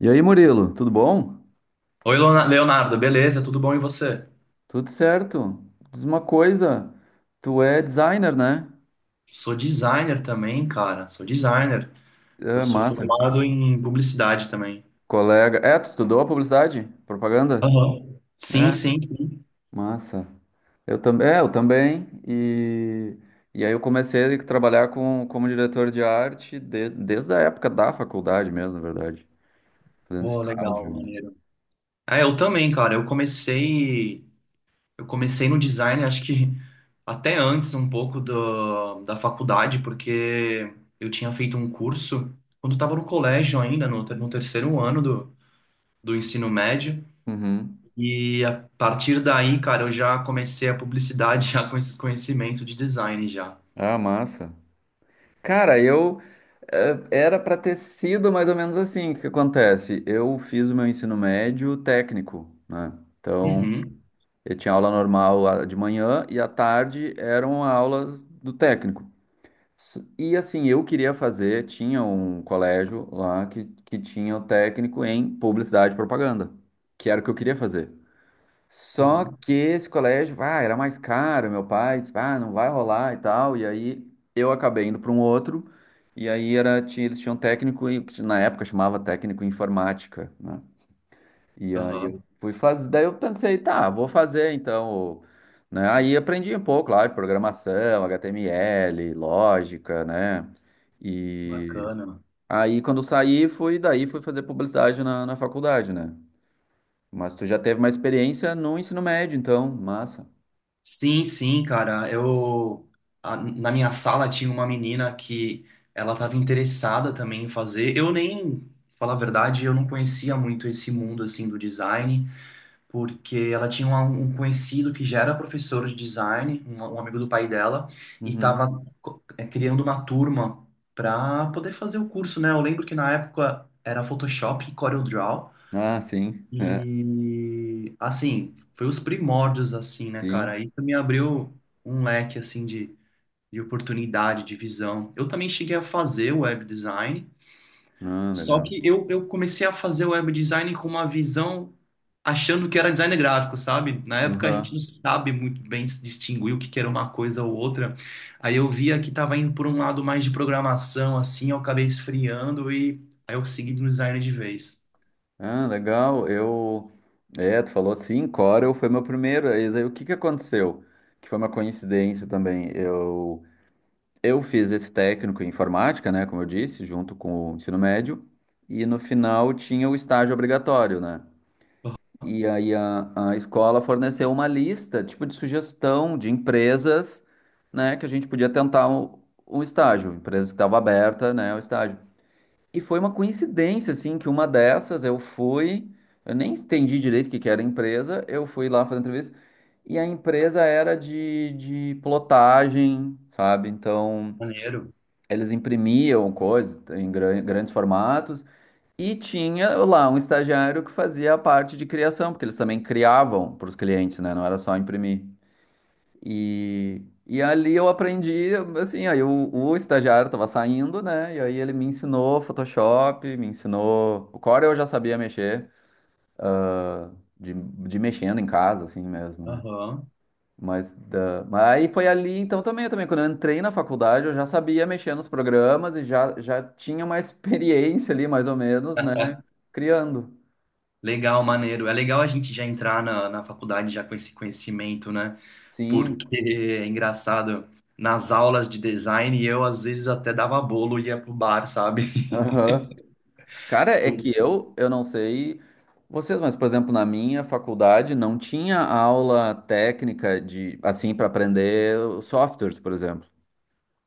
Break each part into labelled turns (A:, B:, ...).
A: E aí, Murilo, tudo bom?
B: Oi, Leonardo, beleza? Tudo bom e você?
A: Tudo certo? Diz uma coisa, tu é designer, né?
B: Sou designer também, cara. Sou designer. Eu
A: É,
B: sou
A: massa.
B: formado em publicidade também.
A: Colega. É, tu estudou a publicidade? Propaganda?
B: Aham. Sim,
A: É.
B: sim, sim.
A: Massa. Eu também. E aí eu comecei a trabalhar com, como diretor de arte desde a época da faculdade mesmo, na verdade. Fazendo
B: Pô, legal,
A: estágio.
B: maneiro. É, eu também, cara. Eu comecei no design, acho que até antes um pouco da faculdade, porque eu tinha feito um curso quando eu estava no colégio ainda, no terceiro ano do ensino médio.
A: Uhum.
B: E a partir daí, cara, eu já comecei a publicidade já com esses conhecimentos de design já.
A: Ah, massa. Cara, era para ter sido mais ou menos assim. O que que acontece? Eu fiz o meu ensino médio técnico, né? Então,
B: Uhum,
A: eu tinha aula normal, de manhã, e à tarde eram aulas do técnico. E assim, eu queria fazer, tinha um colégio lá que tinha o técnico em publicidade e propaganda, que era o que eu queria fazer. Só
B: aham,
A: que esse colégio, era mais caro. Meu pai disse, não vai rolar e tal. E aí eu acabei indo para um outro, e aí eles tinham técnico, que na época chamava técnico em informática, né? E aí eu
B: aham,
A: fui fazer, daí eu pensei, tá, vou fazer então, né? Aí aprendi um pouco, claro, programação, HTML, lógica, né? E
B: bacana.
A: aí quando eu saí, fui, daí fui fazer publicidade na faculdade, né? Mas tu já teve uma experiência no ensino médio, então, massa.
B: Sim, sim, cara. Na minha sala tinha uma menina que ela estava interessada também em fazer. Eu nem, falar a verdade, eu não conhecia muito esse mundo assim do design, porque ela tinha um conhecido que já era professor de design, um amigo do pai dela, e
A: Uhum.
B: estava criando uma turma para poder fazer o curso, né? Eu lembro que na época era Photoshop e CorelDRAW,
A: Ah, sim. É,
B: e assim, foi os primórdios, assim, né,
A: sim.
B: cara? Isso me abriu um leque, assim, de oportunidade, de visão. Eu também cheguei a fazer web design,
A: Ah,
B: só
A: legal.
B: que eu comecei a fazer web design com uma visão achando que era design gráfico, sabe? Na época a gente
A: Uhum.
B: não sabe muito bem se distinguir o que que era uma coisa ou outra. Aí eu via que estava indo por um lado mais de programação, assim, eu acabei esfriando e aí eu segui no design de vez.
A: Ah, legal. Eu. É, tu falou sim, Corel foi meu primeiro. Eis aí, o que que aconteceu? Que foi uma coincidência também. Eu fiz esse técnico em informática, né? Como eu disse, junto com o ensino médio. E no final tinha o estágio obrigatório, né?
B: Aham,
A: E aí a escola forneceu uma lista, tipo, de sugestão de empresas, né? Que a gente podia tentar um estágio. Empresa que estava aberta, né? O estágio. E foi uma coincidência, assim, que uma dessas eu fui, eu nem entendi direito o que que era a empresa. Eu fui lá fazer entrevista, e a empresa era de plotagem, sabe? Então,
B: maneiro.
A: eles imprimiam coisas em grandes formatos, e tinha lá um estagiário que fazia a parte de criação, porque eles também criavam para os clientes, né? Não era só imprimir. E ali eu aprendi, assim. Aí o estagiário estava saindo, né? E aí ele me ensinou Photoshop, me ensinou. O Core eu já sabia mexer, de mexendo em casa, assim mesmo, né?
B: Aham.
A: Mas aí foi ali. Então também, também, quando eu entrei na faculdade, eu já sabia mexer nos programas e já, já tinha uma experiência ali, mais ou menos, né? Criando.
B: Legal, maneiro. É legal a gente já entrar na faculdade já com esse conhecimento, né?
A: Sim.
B: Porque é engraçado, nas aulas de design eu às vezes até dava bolo e ia pro bar, sabe?
A: Aham. Cara, é
B: Pô,
A: que eu não sei vocês, mas, por exemplo, na minha faculdade não tinha aula técnica de, assim, para aprender os softwares, por exemplo.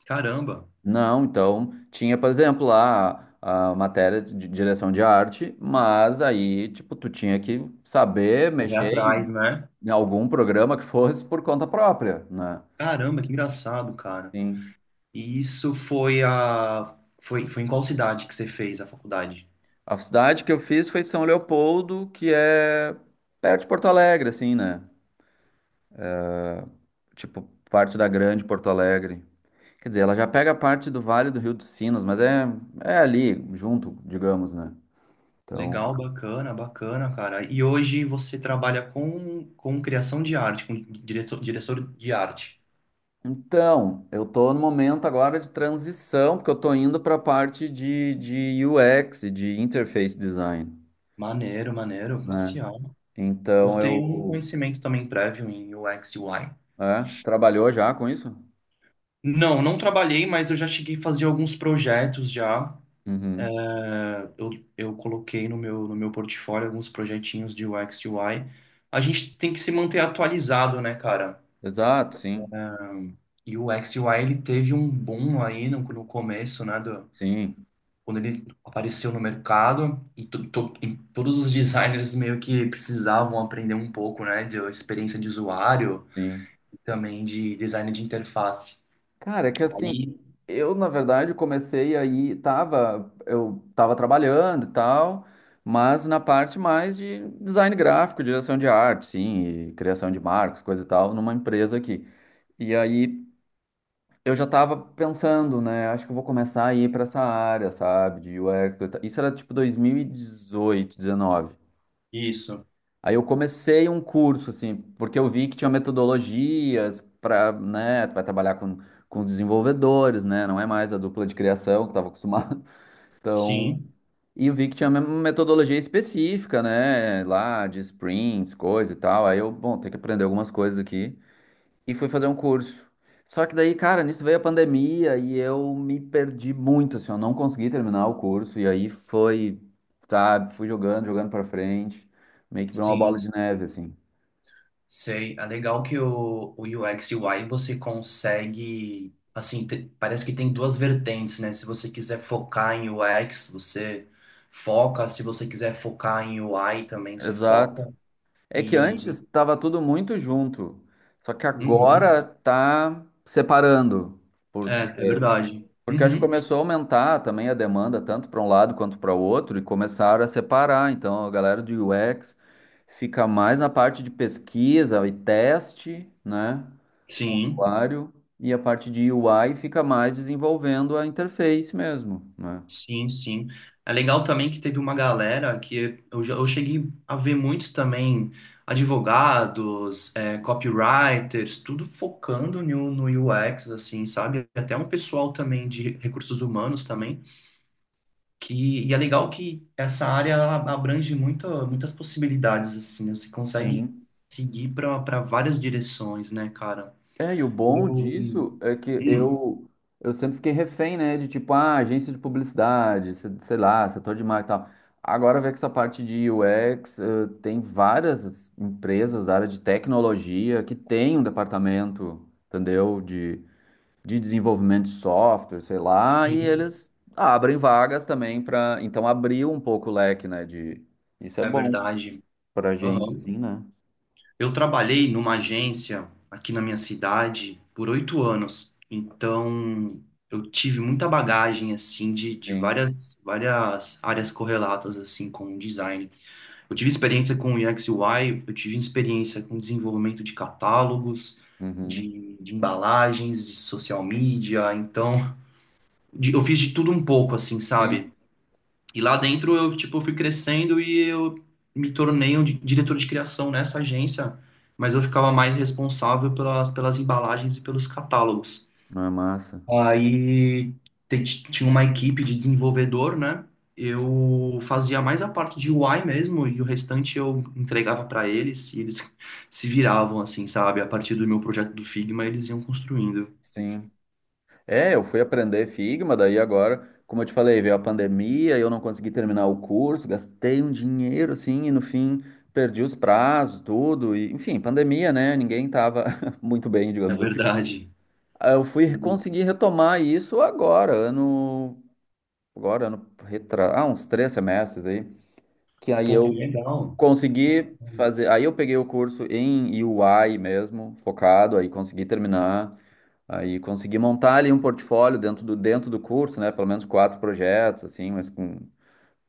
B: caramba,
A: Não, então tinha, por exemplo, lá a matéria de direção de arte, mas aí, tipo, tu tinha que saber
B: correr
A: mexer em
B: atrás, né?
A: em algum programa que fosse por conta própria, né?
B: Caramba, que engraçado, cara.
A: Sim.
B: E foi em qual cidade que você fez a faculdade?
A: A cidade que eu fiz foi São Leopoldo, que é perto de Porto Alegre, assim, né? Tipo, parte da grande Porto Alegre. Quer dizer, ela já pega parte do Vale do Rio dos Sinos, mas é ali, junto, digamos, né? Então,
B: Legal, bacana, bacana, cara. E hoje você trabalha com criação de arte, com diretor de arte.
A: então, eu tô no momento agora de transição, porque eu tô indo para a parte de UX, e de interface design,
B: Maneiro, maneiro, classe
A: né?
B: A. Eu
A: Então,
B: tenho um
A: eu...
B: conhecimento também prévio em U x e UI.
A: É, trabalhou já com isso?
B: Não, não trabalhei, mas eu já cheguei a fazer alguns projetos já
A: Uhum.
B: eu, eu coloquei no meu, no meu portfólio alguns projetinhos de UX e UI. A gente tem que se manter atualizado, né, cara?
A: Exato, sim,
B: Ahn, E o UX e UI, ele teve um boom aí no começo, né, do,
A: sim,
B: quando ele apareceu no mercado e todos os designers meio que precisavam aprender um pouco, né, de experiência de usuário
A: sim.
B: e também de design de interface.
A: Cara, é que assim,
B: Aí,
A: eu na verdade comecei aí, eu tava trabalhando e tal, mas na parte mais de design gráfico, direção de arte, sim, e criação de marcos, coisa e tal, numa empresa aqui. E aí eu já tava pensando, né, acho que eu vou começar a ir pra essa área, sabe, de UX, coisa e tal. Isso era tipo 2018, 2019.
B: isso.
A: Aí eu comecei um curso, assim, porque eu vi que tinha metodologias para, né, tu vai trabalhar com os desenvolvedores, né, não é mais a dupla de criação que eu estava acostumado. Então,
B: Sim,
A: e eu vi que tinha uma metodologia específica, né, lá de sprints, coisa e tal. Aí eu, bom, tem que aprender algumas coisas aqui. E fui fazer um curso. Só que daí, cara, nisso veio a pandemia e eu me perdi muito, assim, eu não consegui terminar o curso. E aí foi, sabe, fui jogando, jogando para frente, meio que virou uma
B: sim,
A: bola de neve, assim.
B: sei, é legal que o UX e UI você consegue, assim, parece que tem duas vertentes, né? Se você quiser focar em UX, você foca, se você quiser focar em UI também, você
A: Exato.
B: foca.
A: É que antes
B: E.
A: estava tudo muito junto, só que
B: Uhum.
A: agora tá separando,
B: É,
A: porque
B: é verdade.
A: porque acho que
B: Uhum.
A: começou a aumentar também a demanda tanto para um lado quanto para o outro, e começaram a separar. Então a galera do UX fica mais na parte de pesquisa e teste, né, com o
B: Sim.
A: usuário. E a parte de UI fica mais desenvolvendo a interface mesmo, né?
B: Sim, sim. É legal também que teve uma galera que eu cheguei a ver muitos também, advogados, é, copywriters, tudo focando no UX, assim, sabe? Até um pessoal também de recursos humanos também, que, e é legal que essa área ela abrange muitas possibilidades, assim, né? Você consegue
A: Sim.
B: seguir para várias direções, né, cara?
A: É, e o bom
B: Eu...
A: disso
B: Hum,
A: é que
B: hum,
A: eu sempre fiquei refém, né? De tipo, ah, agência de publicidade, sei lá, setor de marketing e tal. Agora vê que essa parte de UX, tem várias empresas da área de tecnologia que tem um departamento, entendeu? De desenvolvimento de software, sei lá, e
B: sim,
A: eles abrem vagas também para. Então abriu um pouco o leque, né? Isso é
B: é
A: bom
B: verdade.
A: pra gente, assim, né?
B: Eu trabalhei numa agência aqui na minha cidade por 8 anos, então eu tive muita bagagem assim de
A: Sim.
B: várias áreas correlatas assim com o design. Eu tive experiência com UX UI, eu tive experiência com desenvolvimento de catálogos,
A: Uhum.
B: de embalagens, de social media, então eu fiz de tudo um pouco assim,
A: Sim.
B: sabe? E lá dentro eu, tipo, fui crescendo e eu me tornei um diretor de criação nessa agência, mas eu ficava mais responsável pelas, pelas embalagens e pelos catálogos.
A: Não é massa.
B: Aí te- Tinha uma equipe de desenvolvedor, né? Eu fazia mais a parte de UI mesmo e o restante eu entregava para eles e eles se viravam, assim, sabe? A partir do meu projeto do Figma, eles iam construindo.
A: Sim. É, eu fui aprender Figma. Daí agora, como eu te falei, veio a pandemia. Eu não consegui terminar o curso, gastei um dinheiro assim, e no fim perdi os prazos, tudo, e enfim, pandemia, né? Ninguém tava muito bem,
B: É
A: digamos assim.
B: verdade.
A: Aí eu fui conseguir retomar isso agora, uns 3 semestres aí, que aí
B: Pô, que
A: eu
B: legal.
A: consegui fazer. Aí eu peguei o curso em UI mesmo, focado, aí consegui terminar. Aí consegui montar ali um portfólio dentro do curso, né? Pelo menos quatro projetos, assim, mas com.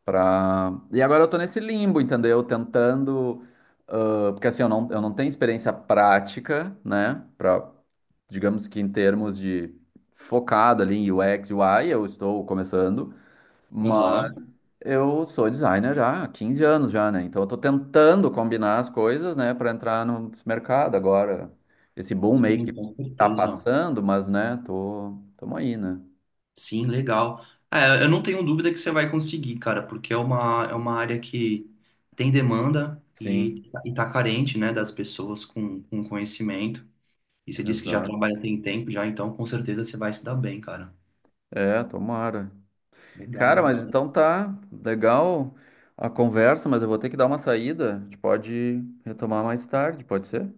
A: Pra... E agora eu tô nesse limbo, entendeu? Tentando. Ah, porque assim, eu não tenho experiência prática, né? Pra, digamos que em termos de focado ali em UX, UI, eu estou começando. Mas
B: Aham.
A: eu sou designer já há 15 anos já, né? Então eu tô tentando combinar as coisas, né, para entrar no mercado agora. Esse boom meio que
B: Sim, com
A: tá
B: certeza.
A: passando, mas né, tô, tamo aí, né?
B: Sim, legal. É, eu não tenho dúvida que você vai conseguir, cara, porque é uma área que tem demanda
A: Sim,
B: e tá carente, né, das pessoas com conhecimento. E você disse que já
A: exato.
B: trabalha tem tempo já, então com certeza você vai se dar bem, cara.
A: É, tomara.
B: Legal,
A: Cara, mas
B: legal.
A: então tá legal a conversa, mas eu vou ter que dar uma saída. A gente pode retomar mais tarde, pode ser?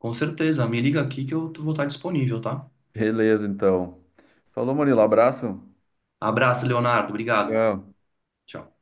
B: Com certeza, me liga aqui que eu vou estar disponível, tá?
A: Beleza, então. Falou, Murilo, abraço.
B: Abraço, Leonardo. Obrigado.
A: Tchau.
B: Tchau.